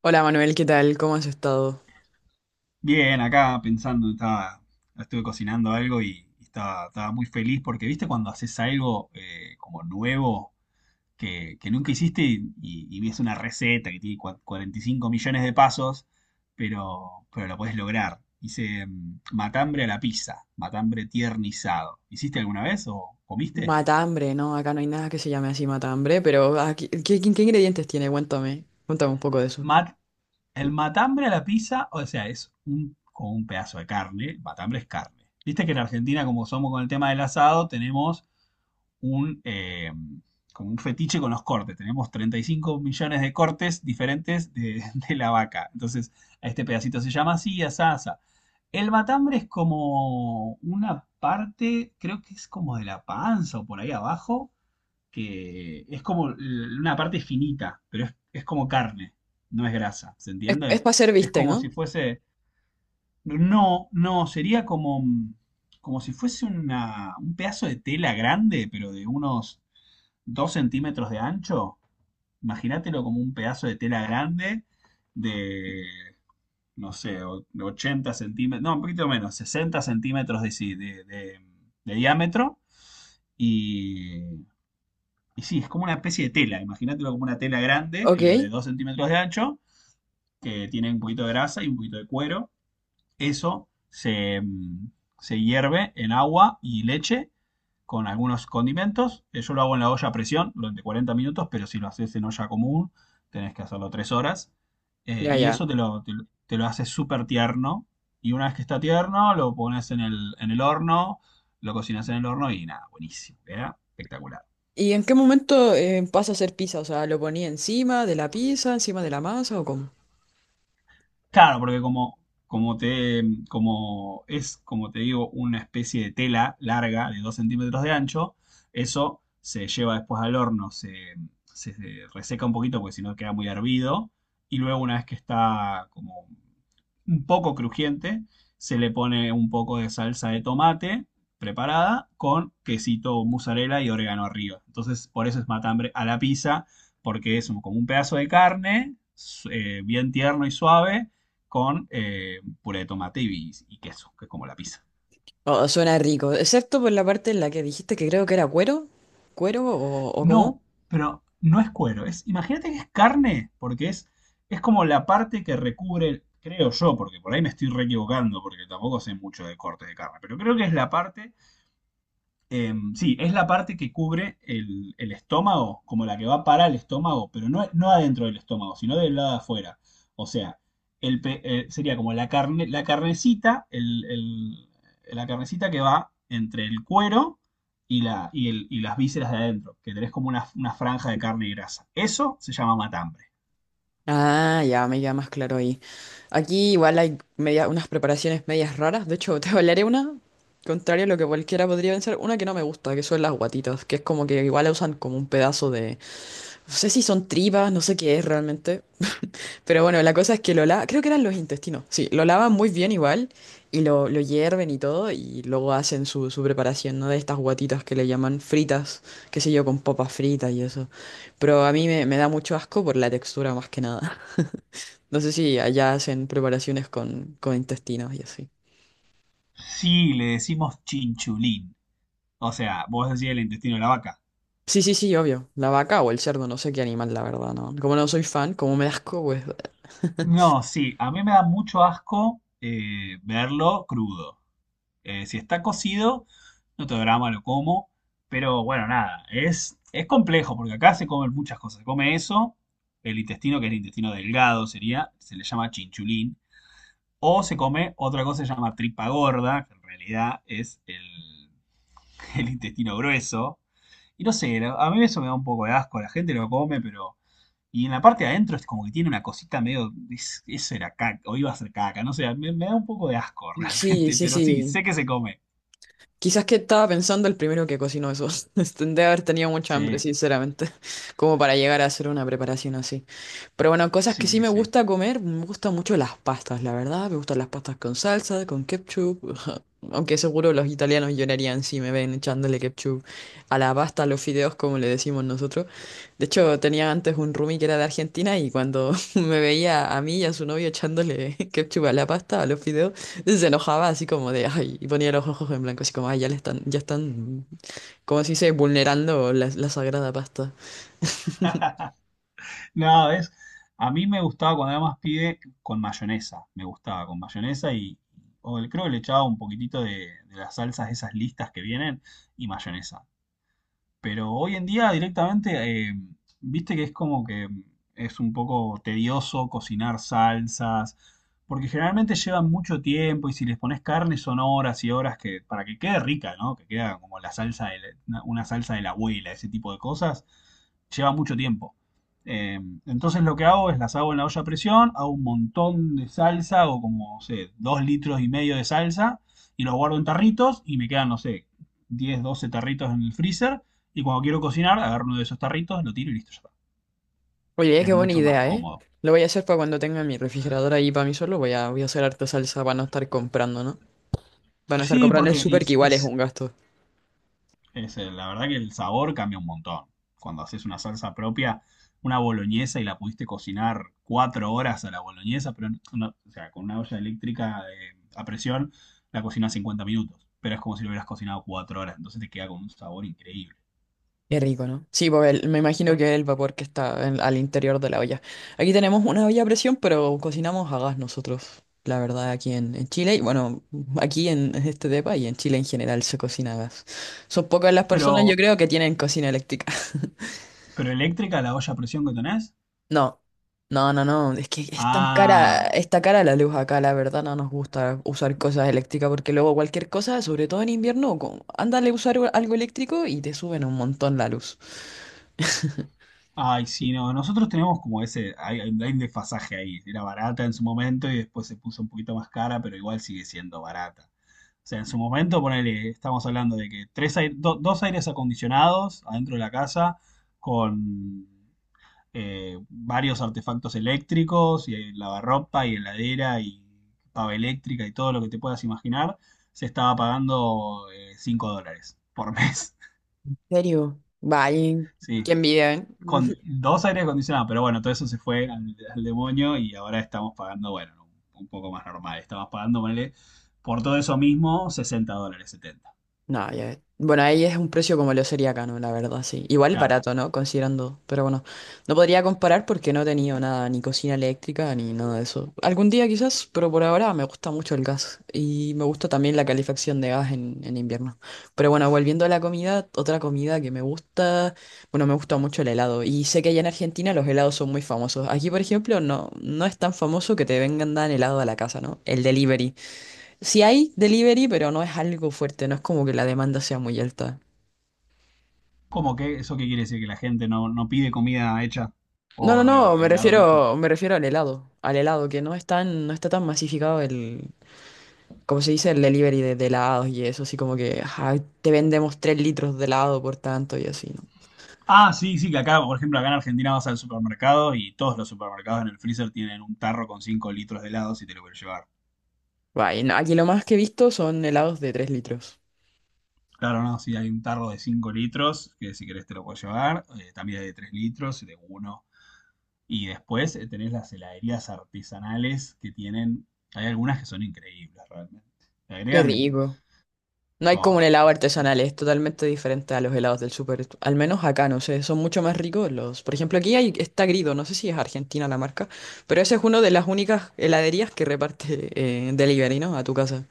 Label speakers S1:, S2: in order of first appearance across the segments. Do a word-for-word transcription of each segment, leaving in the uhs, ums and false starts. S1: Hola Manuel, ¿qué tal? ¿Cómo has estado?
S2: Bien, acá pensando, estaba, estuve cocinando algo y estaba, estaba muy feliz porque, viste, cuando haces algo eh, como nuevo que, que nunca hiciste y, y- y ves una receta que tiene cua- cuarenta y cinco millones de pasos, pero, pero lo podés lograr. Hice mm, matambre a la pizza, matambre tiernizado. ¿Hiciste alguna vez o comiste?
S1: Matambre, ¿no? Acá no hay nada que se llame así matambre, pero ah, ¿qué, qué- qué ingredientes tiene? Cuéntame, cuéntame un poco de eso.
S2: Mat- el matambre a la pizza, o sea, es un, como un pedazo de carne. Matambre es carne. Viste que en Argentina, como somos con el tema del asado, tenemos un, eh, como un fetiche con los cortes. Tenemos treinta y cinco millones de cortes diferentes de, de la vaca. Entonces, a este pedacito se llama así, asa, asa. El matambre es como una parte, creo que es como de la panza o por ahí abajo, que es como l- una parte finita, pero es, es como carne, no es grasa, ¿se
S1: Es, es
S2: entiende?
S1: para hacer
S2: Es
S1: bistec,
S2: como
S1: ¿no?
S2: si fuese, no, no, sería como, como si fuese una, un pedazo de tela grande, pero de unos dos centímetros de ancho. Imagínatelo como un pedazo de tela grande de, no sé, o- de ochenta centímetros, no, un poquito menos, sesenta centímetros de, sí de- de- de diámetro. Y, y sí, es como una especie de tela, imagínatelo como una tela grande,
S1: Ok,
S2: pero de dos centímetros de ancho, que tiene un poquito de grasa y un poquito de cuero. Eso se, mm, se hierve en agua y leche con algunos condimentos. Eh, Yo lo hago en la olla a presión durante cuarenta minutos, pero si lo haces en olla común, tenés que hacerlo tres horas. Eh,
S1: ya,
S2: y
S1: ya.
S2: eso te lo, te, lo- te lo hace súper tierno. Y una vez que está tierno, lo pones en el, en el horno, lo cocinas en el horno y nada, buenísimo, ¿verdad? Espectacular.
S1: ¿Y en qué momento eh, pasa a ser pizza? O sea, ¿lo ponía encima de la pizza, encima de la masa o cómo?
S2: Claro, porque como, como te, como es, como te digo, una especie de tela larga de dos centímetros de ancho, eso se lleva después al horno, se, se se reseca un poquito porque si no queda muy hervido. Y luego una vez que está como un poco crujiente, se le pone un poco de salsa de tomate preparada con quesito mozzarella y orégano arriba. Entonces, por eso es matambre a la pizza, porque es como un pedazo de carne eh, bien tierno y suave con eh, puré de tomate y, y queso, que es como la pizza.
S1: Oh, suena rico, excepto por la parte en la que dijiste que creo que era cuero, cuero o, o cómo.
S2: No, pero no es cuero, es, imagínate que es carne, porque es, es como la parte que recubre, creo yo, porque por ahí me estoy re equivocando, porque tampoco sé mucho de cortes de carne, pero creo que es la parte. Eh, sí, es la parte que cubre el, el estómago, como la que va para el estómago, pero no, no adentro del estómago, sino del lado de afuera. O sea, el pe- eh, sería como la carne, la carnecita, el- el- la carnecita que va entre el cuero y, la, y, el- y las vísceras de adentro, que tenés como una, una franja de carne y grasa. Eso se llama matambre.
S1: Ah, ya me queda más claro ahí. Aquí igual hay media- unas preparaciones medias raras. De hecho, te hablaré una, contrario a lo que cualquiera podría pensar, una que no me gusta, que son las guatitas, que es como que igual la usan como un pedazo de... No sé si son tripas, no sé qué es realmente. Pero bueno, la cosa es que lo lavan, creo que eran los intestinos, sí, lo lavan muy bien igual y lo, lo hierven y todo y luego hacen su, su preparación, ¿no? De estas guatitas que le llaman fritas, qué sé yo, con papas fritas y eso. Pero a mí me, me da mucho asco por la textura más que nada. No sé si allá hacen preparaciones con, con intestinos y así.
S2: Sí, le decimos chinchulín. O sea, vos decís el intestino de la vaca.
S1: Sí, sí, sí, obvio. La vaca o el cerdo, no sé qué animal, la verdad, ¿no? Como no soy fan, como me da asco, pues.
S2: No, sí, a mí me da mucho asco eh, verlo crudo. Eh, si está cocido, no tengo drama, lo como. Pero bueno, nada, es, es complejo porque acá se comen muchas cosas. Se come eso, el intestino, que es el intestino delgado, sería, se le llama chinchulín. O se come otra cosa que se llama tripa gorda, que en realidad es el, el intestino grueso. Y no sé, la- a mí eso me da un poco de asco. La gente lo come, pero y en la parte de adentro es como que tiene una cosita medio. Es- eso era caca, o iba a ser caca, no sé, me, me da un poco de asco
S1: Sí,
S2: realmente,
S1: sí,
S2: pero sí,
S1: sí.
S2: sé que se come.
S1: Quizás que estaba pensando el primero que cocinó eso. Debe haber tenido mucha hambre,
S2: Sí,
S1: sinceramente, como para llegar a hacer una preparación así. Pero bueno, cosas que sí
S2: sí,
S1: me
S2: sí.
S1: gusta comer, me gustan mucho las pastas, la verdad. Me gustan las pastas con salsa, con ketchup. Aunque seguro los italianos llorarían si me ven echándole ketchup a la pasta, a los fideos, como le decimos nosotros. De hecho, tenía antes un roomie que era de Argentina y cuando me veía a mí y a su novio echándole ketchup a la pasta, a los fideos, se enojaba así como de, ay, y ponía los ojos en blanco, así como, ay, ya le están, ya están, como si se dice, vulnerando la la sagrada pasta.
S2: No, es. A mí me gustaba cuando era más pibe con mayonesa. Me gustaba con mayonesa y. o el- creo que le echaba un poquitito de, de las salsas, esas listas que vienen, y mayonesa. Pero hoy en día directamente, eh, viste que es como que es un poco tedioso cocinar salsas, porque generalmente llevan mucho tiempo y si les pones carne son horas y horas que, para que quede rica, ¿no? Que queda como la salsa de la- una, una salsa de la abuela, ese tipo de cosas, lleva mucho tiempo. Eh, entonces lo que hago es las hago en la olla a presión, hago un montón de salsa, hago como, no sé, dos litros y medio de salsa y los guardo en tarritos y me quedan, no sé, diez doce tarritos en el freezer y cuando quiero cocinar, agarro uno de esos tarritos, lo tiro y listo, ya está.
S1: Oye,
S2: Es
S1: qué buena
S2: mucho más
S1: idea, ¿eh?
S2: cómodo.
S1: Lo voy a hacer para cuando tenga mi refrigerador ahí para mí solo. Voy a, voy a hacer harta salsa para no estar comprando, ¿no? Para no estar
S2: Sí,
S1: comprando en el
S2: porque
S1: súper, que
S2: es,
S1: igual es
S2: es,
S1: un gasto.
S2: es, eh, la verdad que el sabor cambia un montón. Cuando haces una salsa propia, una boloñesa y la pudiste cocinar cuatro horas a la boloñesa, pero no- o sea, con una olla eléctrica de- a presión, la cocinas cincuenta minutos. Pero es como si lo hubieras cocinado cuatro horas, entonces te queda con un sabor increíble.
S1: Qué rico, ¿no? Sí, porque el- me imagino que el vapor que está en- al interior de la olla. Aquí tenemos una olla a presión, pero cocinamos a gas nosotros, la verdad, aquí en, en Chile. Y bueno, aquí en este depa y en Chile en general se cocina a gas. Son pocas las personas, yo
S2: Pero,
S1: creo, que tienen cocina eléctrica.
S2: pero eléctrica, la olla a presión que tenés,
S1: No, no, no, no, es que es tan cara,
S2: ah,
S1: está cara la luz acá, la verdad no nos gusta usar cosas eléctricas porque luego cualquier cosa, sobre todo en invierno, co- ándale a usar u- algo eléctrico y te suben un montón la luz.
S2: ay, sí, no, nosotros tenemos como ese, hay, hay un desfasaje ahí. Era barata en su momento y después se puso un poquito más cara, pero igual sigue siendo barata. O sea, en su momento, ponele, estamos hablando de que tres ai- do- dos aires acondicionados adentro de la casa con eh, varios artefactos eléctricos y lavarropa y heladera y pava eléctrica y todo lo que te puedas imaginar, se estaba pagando eh, cinco dólares por mes.
S1: ¿En serio? Vaya,
S2: Sí,
S1: qué envidia, ¿eh?
S2: con dos aire acondicionados, pero bueno, todo eso se fue al, al demonio y ahora estamos pagando, bueno, un poco más normal. Estamos pagando, ponele, por todo eso mismo, sesenta dólares, setenta.
S1: No, ya- Bueno, ahí es un precio como lo sería acá, ¿no? La verdad, sí. Igual
S2: Claro.
S1: barato, ¿no? Considerando. Pero bueno, no podría comparar porque no he tenido nada, ni cocina eléctrica, ni nada de eso. Algún día quizás, pero por ahora me gusta mucho el gas. Y me gusta también la calefacción de gas en, en invierno. Pero bueno, volviendo a la comida, otra comida que me gusta, bueno, me gusta mucho el helado. Y sé que allá en Argentina los helados son muy famosos. Aquí, por ejemplo, no, no es tan famoso que te vengan dan helado a la casa, ¿no? El delivery. Sí hay delivery, pero no es algo fuerte, no es como que la demanda sea muy alta.
S2: ¿Cómo que eso qué quiere decir? ¿Que la gente no, no pide comida hecha
S1: No,
S2: o,
S1: no, no,
S2: o
S1: me
S2: helado hecho?
S1: refiero, me refiero al helado, al helado, que no es tan, no está tan masificado el, como se dice, el delivery de, de helados y eso, así como que ajá, te vendemos tres litros de helado por tanto y así, ¿no?
S2: Ah, sí, sí, que acá, por ejemplo, acá en Argentina vas al supermercado y todos los supermercados en el freezer tienen un tarro con cinco litros de helado si te lo quieres llevar.
S1: Bah, y no, aquí lo más que he visto son helados de tres litros.
S2: Claro, no, si hay un tarro de cinco litros, que si querés te lo puedes llevar. Eh, también hay de tres litros, de uno. Y después eh, tenés las heladerías artesanales que tienen. Hay algunas que son increíbles realmente. Le
S1: Qué
S2: agregan.
S1: rico. No hay como
S2: Oh,
S1: un helado
S2: qué sé yo.
S1: artesanal, es totalmente diferente a los helados del súper. Al menos acá, no sé, son mucho más ricos los. Por ejemplo, aquí hay, está Grido, no sé si es Argentina la marca, pero esa es una de las únicas heladerías que reparte eh, delivery, ¿no? A tu casa.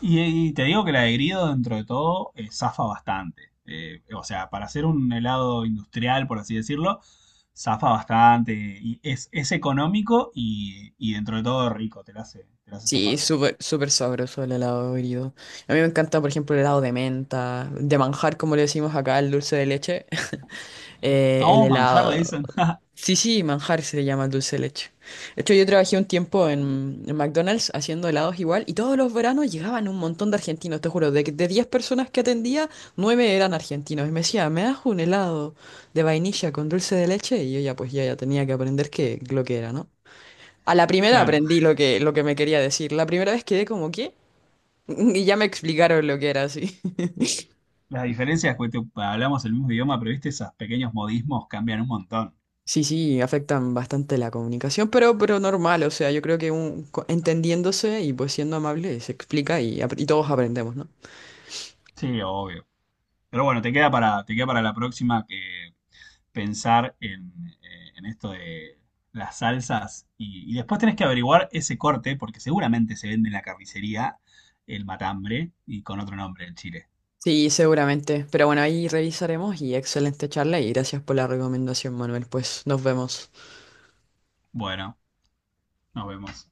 S2: Y, y te digo que el de dentro de todo, eh, zafa bastante. Eh, o sea, para hacer un helado industrial, por así decirlo, zafa bastante. Y es, es económico y, y dentro de todo rico. Te la hace, te la hace
S1: Sí,
S2: zafar bien.
S1: súper, súper sabroso el helado Grido. A mí me encanta, por ejemplo, el helado de menta, de manjar, como le decimos acá, el dulce de leche, eh, el
S2: Oh, manjar le
S1: helado.
S2: dicen.
S1: Sí, sí, manjar se le llama el dulce de leche. De hecho, yo trabajé un tiempo en, en McDonald's haciendo helados igual y todos los veranos llegaban un montón de argentinos, te juro, de, de diez personas que atendía, nueve eran argentinos y me decía, ¿me das un helado de vainilla con dulce de leche? Y yo ya pues ya, ya tenía que aprender qué, lo que era, ¿no? A la primera
S2: Claro.
S1: aprendí lo que, lo que me quería decir, la primera vez quedé como, ¿qué? Y ya me explicaron lo que era así.
S2: Las diferencias, que hablamos el mismo idioma, pero viste, esos pequeños modismos cambian un montón.
S1: Sí, sí, afectan bastante la comunicación, pero, pero normal, o sea, yo creo que un, co- entendiéndose y pues siendo amable se explica y, ap- y todos aprendemos, ¿no?
S2: Sí, obvio. Pero bueno, te queda para, te queda para la próxima que pensar en, eh, en esto de las salsas y, y después tenés que averiguar ese corte porque seguramente se vende en la carnicería el matambre y con otro nombre el chile.
S1: Sí, seguramente, pero bueno, ahí revisaremos y excelente charla y gracias por la recomendación, Manuel, pues nos vemos.
S2: Bueno, nos vemos.